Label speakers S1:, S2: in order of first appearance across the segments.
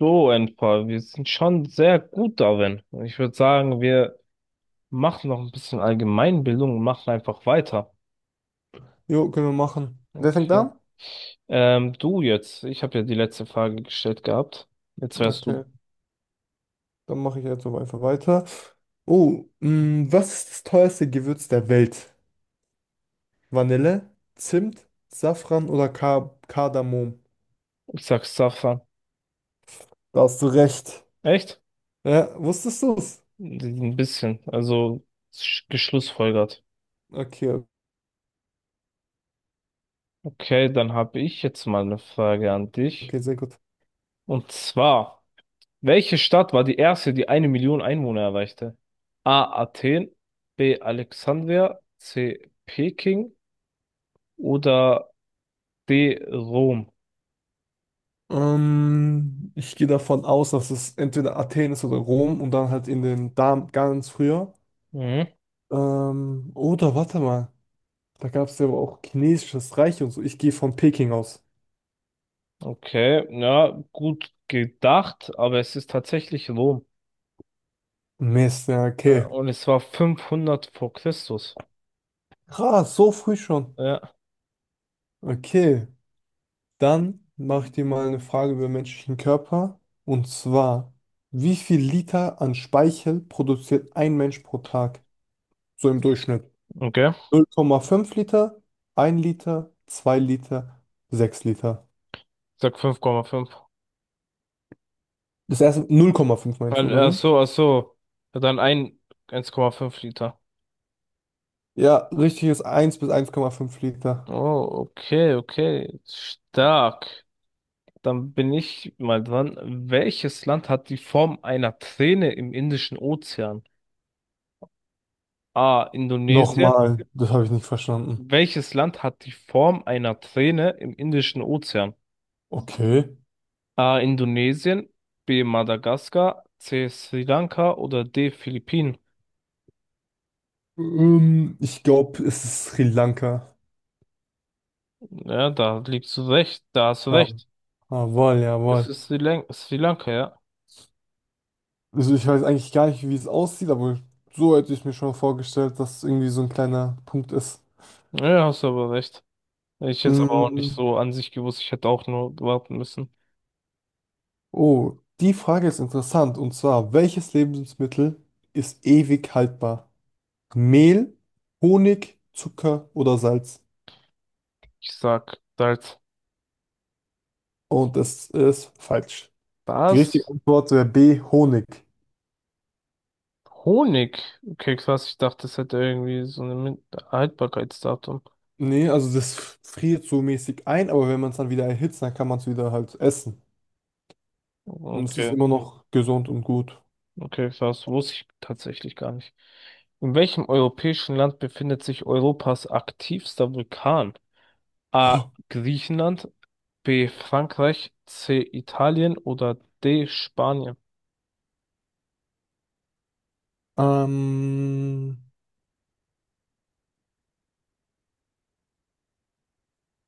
S1: So, Enfer, wir sind schon sehr gut darin. Ich würde sagen, wir machen noch ein bisschen Allgemeinbildung und machen einfach weiter.
S2: Jo, können wir machen. Wer fängt
S1: Okay.
S2: an?
S1: Du jetzt, ich habe ja die letzte Frage gestellt gehabt. Jetzt wärst du.
S2: Okay, dann mache ich jetzt so einfach weiter. Oh, was ist das teuerste Gewürz der Welt? Vanille, Zimt, Safran oder Ka Kardamom?
S1: Ich sag Safa.
S2: Da hast du recht.
S1: Echt?
S2: Ja, wusstest du es?
S1: Ein bisschen, also geschlussfolgert.
S2: Okay,
S1: Okay, dann habe ich jetzt mal eine Frage an dich.
S2: okay, sehr gut.
S1: Und zwar. Welche Stadt war die erste, die eine Million Einwohner erreichte? A. Athen, B. Alexandria, C. Peking oder D. Rom?
S2: Ich gehe davon aus, dass es entweder Athen ist oder Rom und dann halt in den Dam ganz früher.
S1: Mhm.
S2: Oder warte mal, da gab es ja aber auch chinesisches Reich und so. Ich gehe von Peking aus.
S1: Okay, ja, gut gedacht, aber es ist tatsächlich Rom.
S2: Mist, ja,
S1: Äh,
S2: okay.
S1: Und es war 500 vor Christus.
S2: Krass, so früh schon.
S1: Ja,
S2: Okay, dann mache ich dir mal eine Frage über den menschlichen Körper. Und zwar, wie viel Liter an Speichel produziert ein Mensch pro Tag? So im Durchschnitt.
S1: okay. Ich
S2: 0,5 Liter, 1 Liter, 2 Liter, 6 Liter.
S1: sag 5,5.
S2: Das erste 0,5 meinst du,
S1: Weil,
S2: oder
S1: ach
S2: wie?
S1: so, ach so. Ja, dann ein, 1,5 Liter.
S2: Ja, richtig ist 1 bis 1,5 Liter.
S1: Oh, okay, okay. Stark. Dann bin ich mal dran. Welches Land hat die Form einer Träne im Indischen Ozean? A. Indonesien.
S2: Nochmal, das habe ich nicht verstanden.
S1: Welches Land hat die Form einer Träne im Indischen Ozean?
S2: Okay.
S1: A. Indonesien. B. Madagaskar. C. Sri Lanka oder D. Philippinen?
S2: Ich glaube, es ist Sri Lanka.
S1: Ja, da liegst du recht. Da hast du
S2: Ja.
S1: recht.
S2: Jawohl,
S1: Es
S2: jawohl.
S1: ist Sri Lanka, ja.
S2: Also ich weiß eigentlich gar nicht, wie es aussieht, aber so hätte ich mir schon vorgestellt, dass es irgendwie so ein kleiner Punkt ist.
S1: Ja, hast du aber recht. Hätte ich jetzt aber auch nicht
S2: Mm.
S1: so an sich gewusst. Ich hätte auch nur warten müssen.
S2: Oh, die Frage ist interessant. Und zwar, welches Lebensmittel ist ewig haltbar? Mehl, Honig, Zucker oder Salz?
S1: Ich sag halt
S2: Und das ist falsch. Die richtige
S1: das.
S2: Antwort wäre B, Honig.
S1: Honigkeks, was ich dachte, das hätte irgendwie so ein Haltbarkeitsdatum.
S2: Nee, also das friert so mäßig ein, aber wenn man es dann wieder erhitzt, dann kann man es wieder halt essen. Und es ist
S1: Okay,
S2: immer noch gesund und gut.
S1: okay, das wusste ich tatsächlich gar nicht. In welchem europäischen Land befindet sich Europas aktivster Vulkan? A. Griechenland, B. Frankreich, C. Italien oder D. Spanien?
S2: Ähm,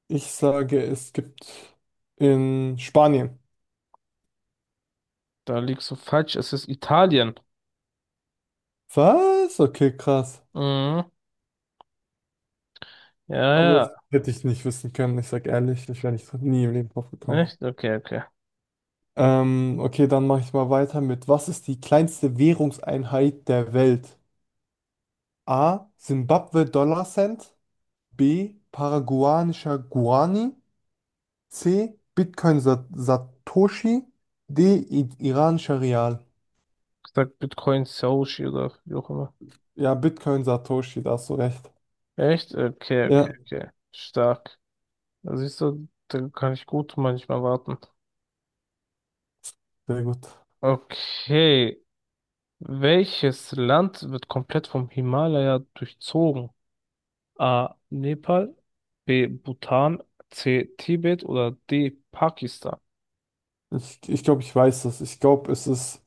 S2: Ich sage, es gibt in Spanien.
S1: Da liegst du falsch, es ist Italien.
S2: Was? Okay, krass.
S1: Mhm.
S2: Aber
S1: Ja,
S2: das hätte ich nicht wissen können. Ich sage ehrlich, ich wäre nicht nie im Leben drauf
S1: ja,
S2: gekommen.
S1: echt? Okay, okay.
S2: Okay, dann mache ich mal weiter mit, was ist die kleinste Währungseinheit der Welt? A. Simbabwe Dollar Cent. B. Paraguayanischer Guarani. C. Bitcoin Sa Satoshi. D. I iranischer Rial.
S1: Ich sag Bitcoin Sushi oder wie auch immer.
S2: Ja, Bitcoin Satoshi, da hast du recht.
S1: Echt? Okay, okay,
S2: Ja,
S1: okay. Stark. Da siehst du, da kann ich gut manchmal warten.
S2: sehr gut.
S1: Okay. Welches Land wird komplett vom Himalaya durchzogen? A. Nepal, B. Bhutan, C. Tibet oder D. Pakistan?
S2: Ich glaube, ich weiß das. Ich glaube, es ist.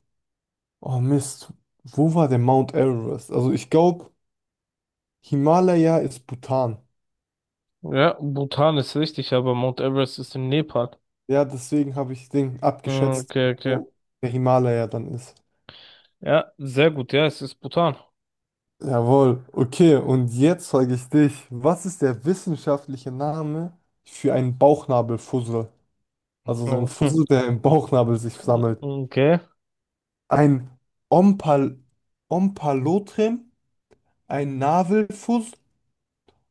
S2: Oh Mist. Wo war der Mount Everest? Also ich glaube, Himalaya ist Bhutan.
S1: Ja, Bhutan ist richtig, aber Mount Everest ist in Nepal.
S2: Ja, deswegen habe ich den
S1: Mm,
S2: abgeschätzt,
S1: okay, okay.
S2: wo der Himalaya dann ist.
S1: Ja, sehr gut. Ja, es ist Bhutan.
S2: Jawohl. Okay, und jetzt frage ich dich, was ist der wissenschaftliche Name für einen Bauchnabelfussel? Also so ein
S1: Mhm.
S2: Fussel, der im Bauchnabel sich sammelt.
S1: Okay.
S2: Ein Ompal Ompalotrem, ein Navelfuss,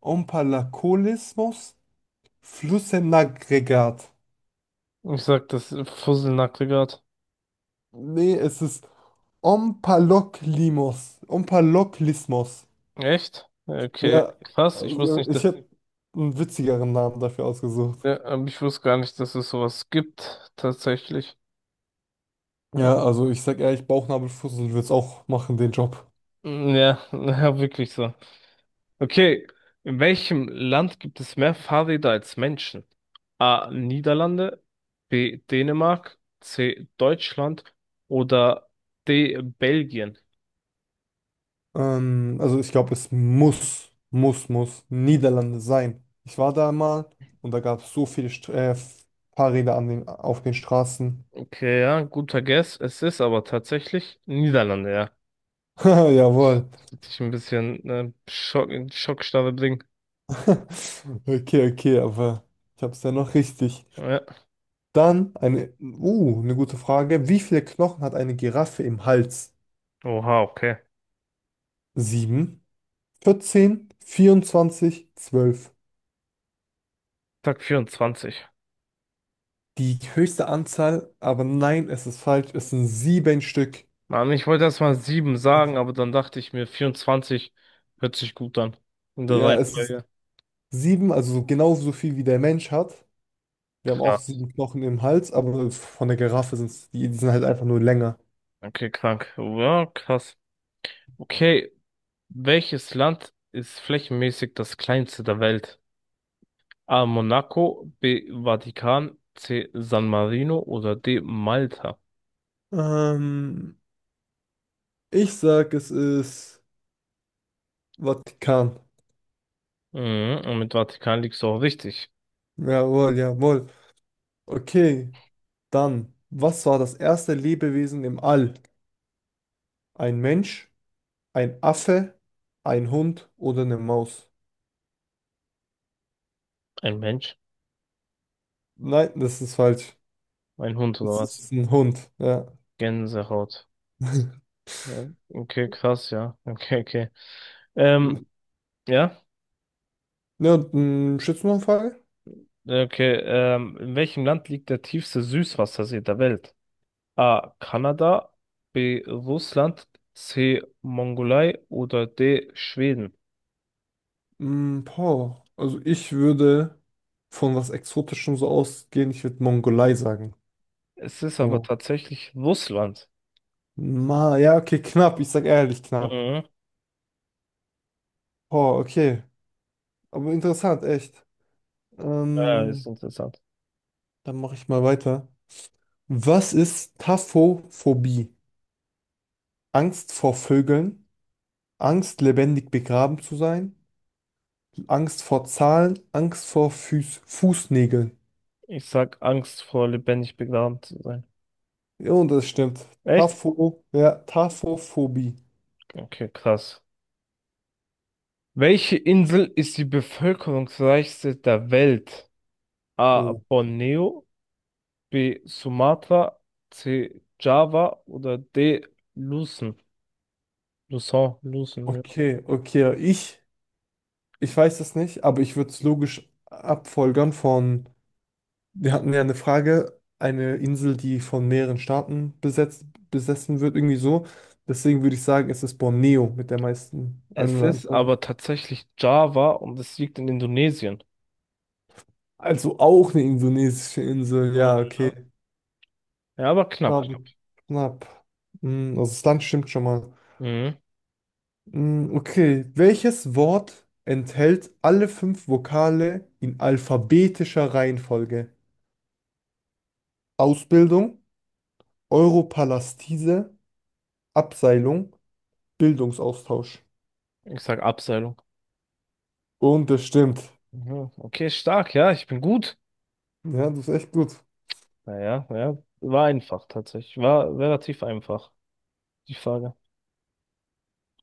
S2: Ompalakolismus. Flussenaggregat.
S1: Ich sag das Fusselnackte grad.
S2: Nee, es ist Omphaloklimos. Omphaloklismos.
S1: Echt? Okay,
S2: Ja,
S1: krass. Ich wusste
S2: also
S1: nicht.
S2: ich hätte einen witzigeren Namen dafür ausgesucht.
S1: Ja, aber ich wusste gar nicht, dass es sowas gibt, tatsächlich.
S2: Ja, also ich sag ehrlich, Bauchnabelfussel wird's auch machen, den Job.
S1: Mm, ja, ja, wirklich so. Okay, in welchem Land gibt es mehr Fahrräder als Menschen? A. Niederlande, B. Dänemark, C. Deutschland oder D. Belgien.
S2: Also ich glaube, es muss Niederlande sein. Ich war da mal und da gab es so viele St Fahrräder an den, auf den Straßen.
S1: Okay, ja, guter Guess. Es ist aber tatsächlich Niederlande, ja.
S2: Haha, jawohl.
S1: Hätte ich ein bisschen Schock, in Schockstarre bringen.
S2: Okay, okay, aber ich hab's ja noch richtig.
S1: Ja.
S2: Dann eine gute Frage. Wie viele Knochen hat eine Giraffe im Hals?
S1: Oha, okay.
S2: 7, 14, 24, 12.
S1: Tag 24.
S2: Die höchste Anzahl, aber nein, es ist falsch. Es sind sieben Stück.
S1: Mann, ich wollte erst mal sieben sagen, aber dann dachte ich mir, 24 hört sich gut an. In der Nee.
S2: Ja, es ist
S1: Reihenfolge.
S2: sieben, also so genauso viel wie der Mensch hat. Wir haben auch
S1: Krass.
S2: sieben Knochen im Hals, aber von der Giraffe sind es, die sind halt einfach nur länger.
S1: Okay, krank. Ja, krass. Okay, welches Land ist flächenmäßig das kleinste der Welt? A. Monaco, B. Vatikan, C. San Marino oder D. Malta?
S2: Ähm, Ich sag, es ist Vatikan.
S1: Mhm, und mit Vatikan liegst du auch richtig.
S2: Jawohl, jawohl. Okay. Dann, was war das erste Lebewesen im All? Ein Mensch, ein Affe, ein Hund oder eine Maus?
S1: Ein Mensch?
S2: Nein, das ist falsch.
S1: Ein Hund oder
S2: Es
S1: was?
S2: ist ein Hund, ja.
S1: Gänsehaut. Oh, okay, krass, ja. Okay, okay. Ähm, ja.
S2: Ja, schätzt du noch eine Frage?
S1: Okay, in welchem Land liegt der tiefste Süßwassersee der Welt? A. Kanada, B. Russland, C. Mongolei oder D. Schweden.
S2: Boah, also ich würde von was Exotischem so ausgehen, ich würde Mongolei sagen.
S1: Es ist aber
S2: So.
S1: tatsächlich Russland.
S2: Ja, okay, knapp, ich sag ehrlich knapp.
S1: Mhm.
S2: Boah, okay. Aber interessant, echt.
S1: Ja, ist
S2: Ähm,
S1: interessant.
S2: Dann mache ich mal weiter. Was ist Taphophobie? Angst vor Vögeln, Angst lebendig begraben zu sein, Angst vor Zahlen, Angst vor Füß Fußnägeln.
S1: Ich sag Angst vor lebendig begraben zu sein.
S2: Ja, und das stimmt.
S1: Echt?
S2: Ja, Taphophobie.
S1: Okay, krass. Welche Insel ist die bevölkerungsreichste der Welt? A.
S2: Oh,
S1: Borneo, B. Sumatra, C. Java oder D. Luzon. Lusau, Lucen, ja.
S2: okay, okay. Ich weiß das nicht, aber ich würde es logisch abfolgern von, wir hatten ja eine Frage, eine Insel, die von mehreren Staaten besetzt, besessen wird, irgendwie so. Deswegen würde ich sagen, es ist Borneo mit der meisten
S1: Es ist
S2: Einwohneranzahl.
S1: aber tatsächlich Java und es liegt in Indonesien.
S2: Also auch eine indonesische Insel,
S1: Äh,
S2: ja, okay.
S1: Ja, ja, aber knapp,
S2: Knapp.
S1: knapp.
S2: Knapp. Also das Land stimmt schon mal.
S1: Mhm.
S2: Okay, welches Wort enthält alle fünf Vokale in alphabetischer Reihenfolge? Ausbildung, Europalastise, Abseilung, Bildungsaustausch.
S1: Ich sag Abseilung.
S2: Und das stimmt.
S1: Mhm. Okay, stark, ja, ich bin gut.
S2: Ja, das ist echt gut.
S1: Naja, ja, ja, war einfach tatsächlich. War relativ einfach, die Frage.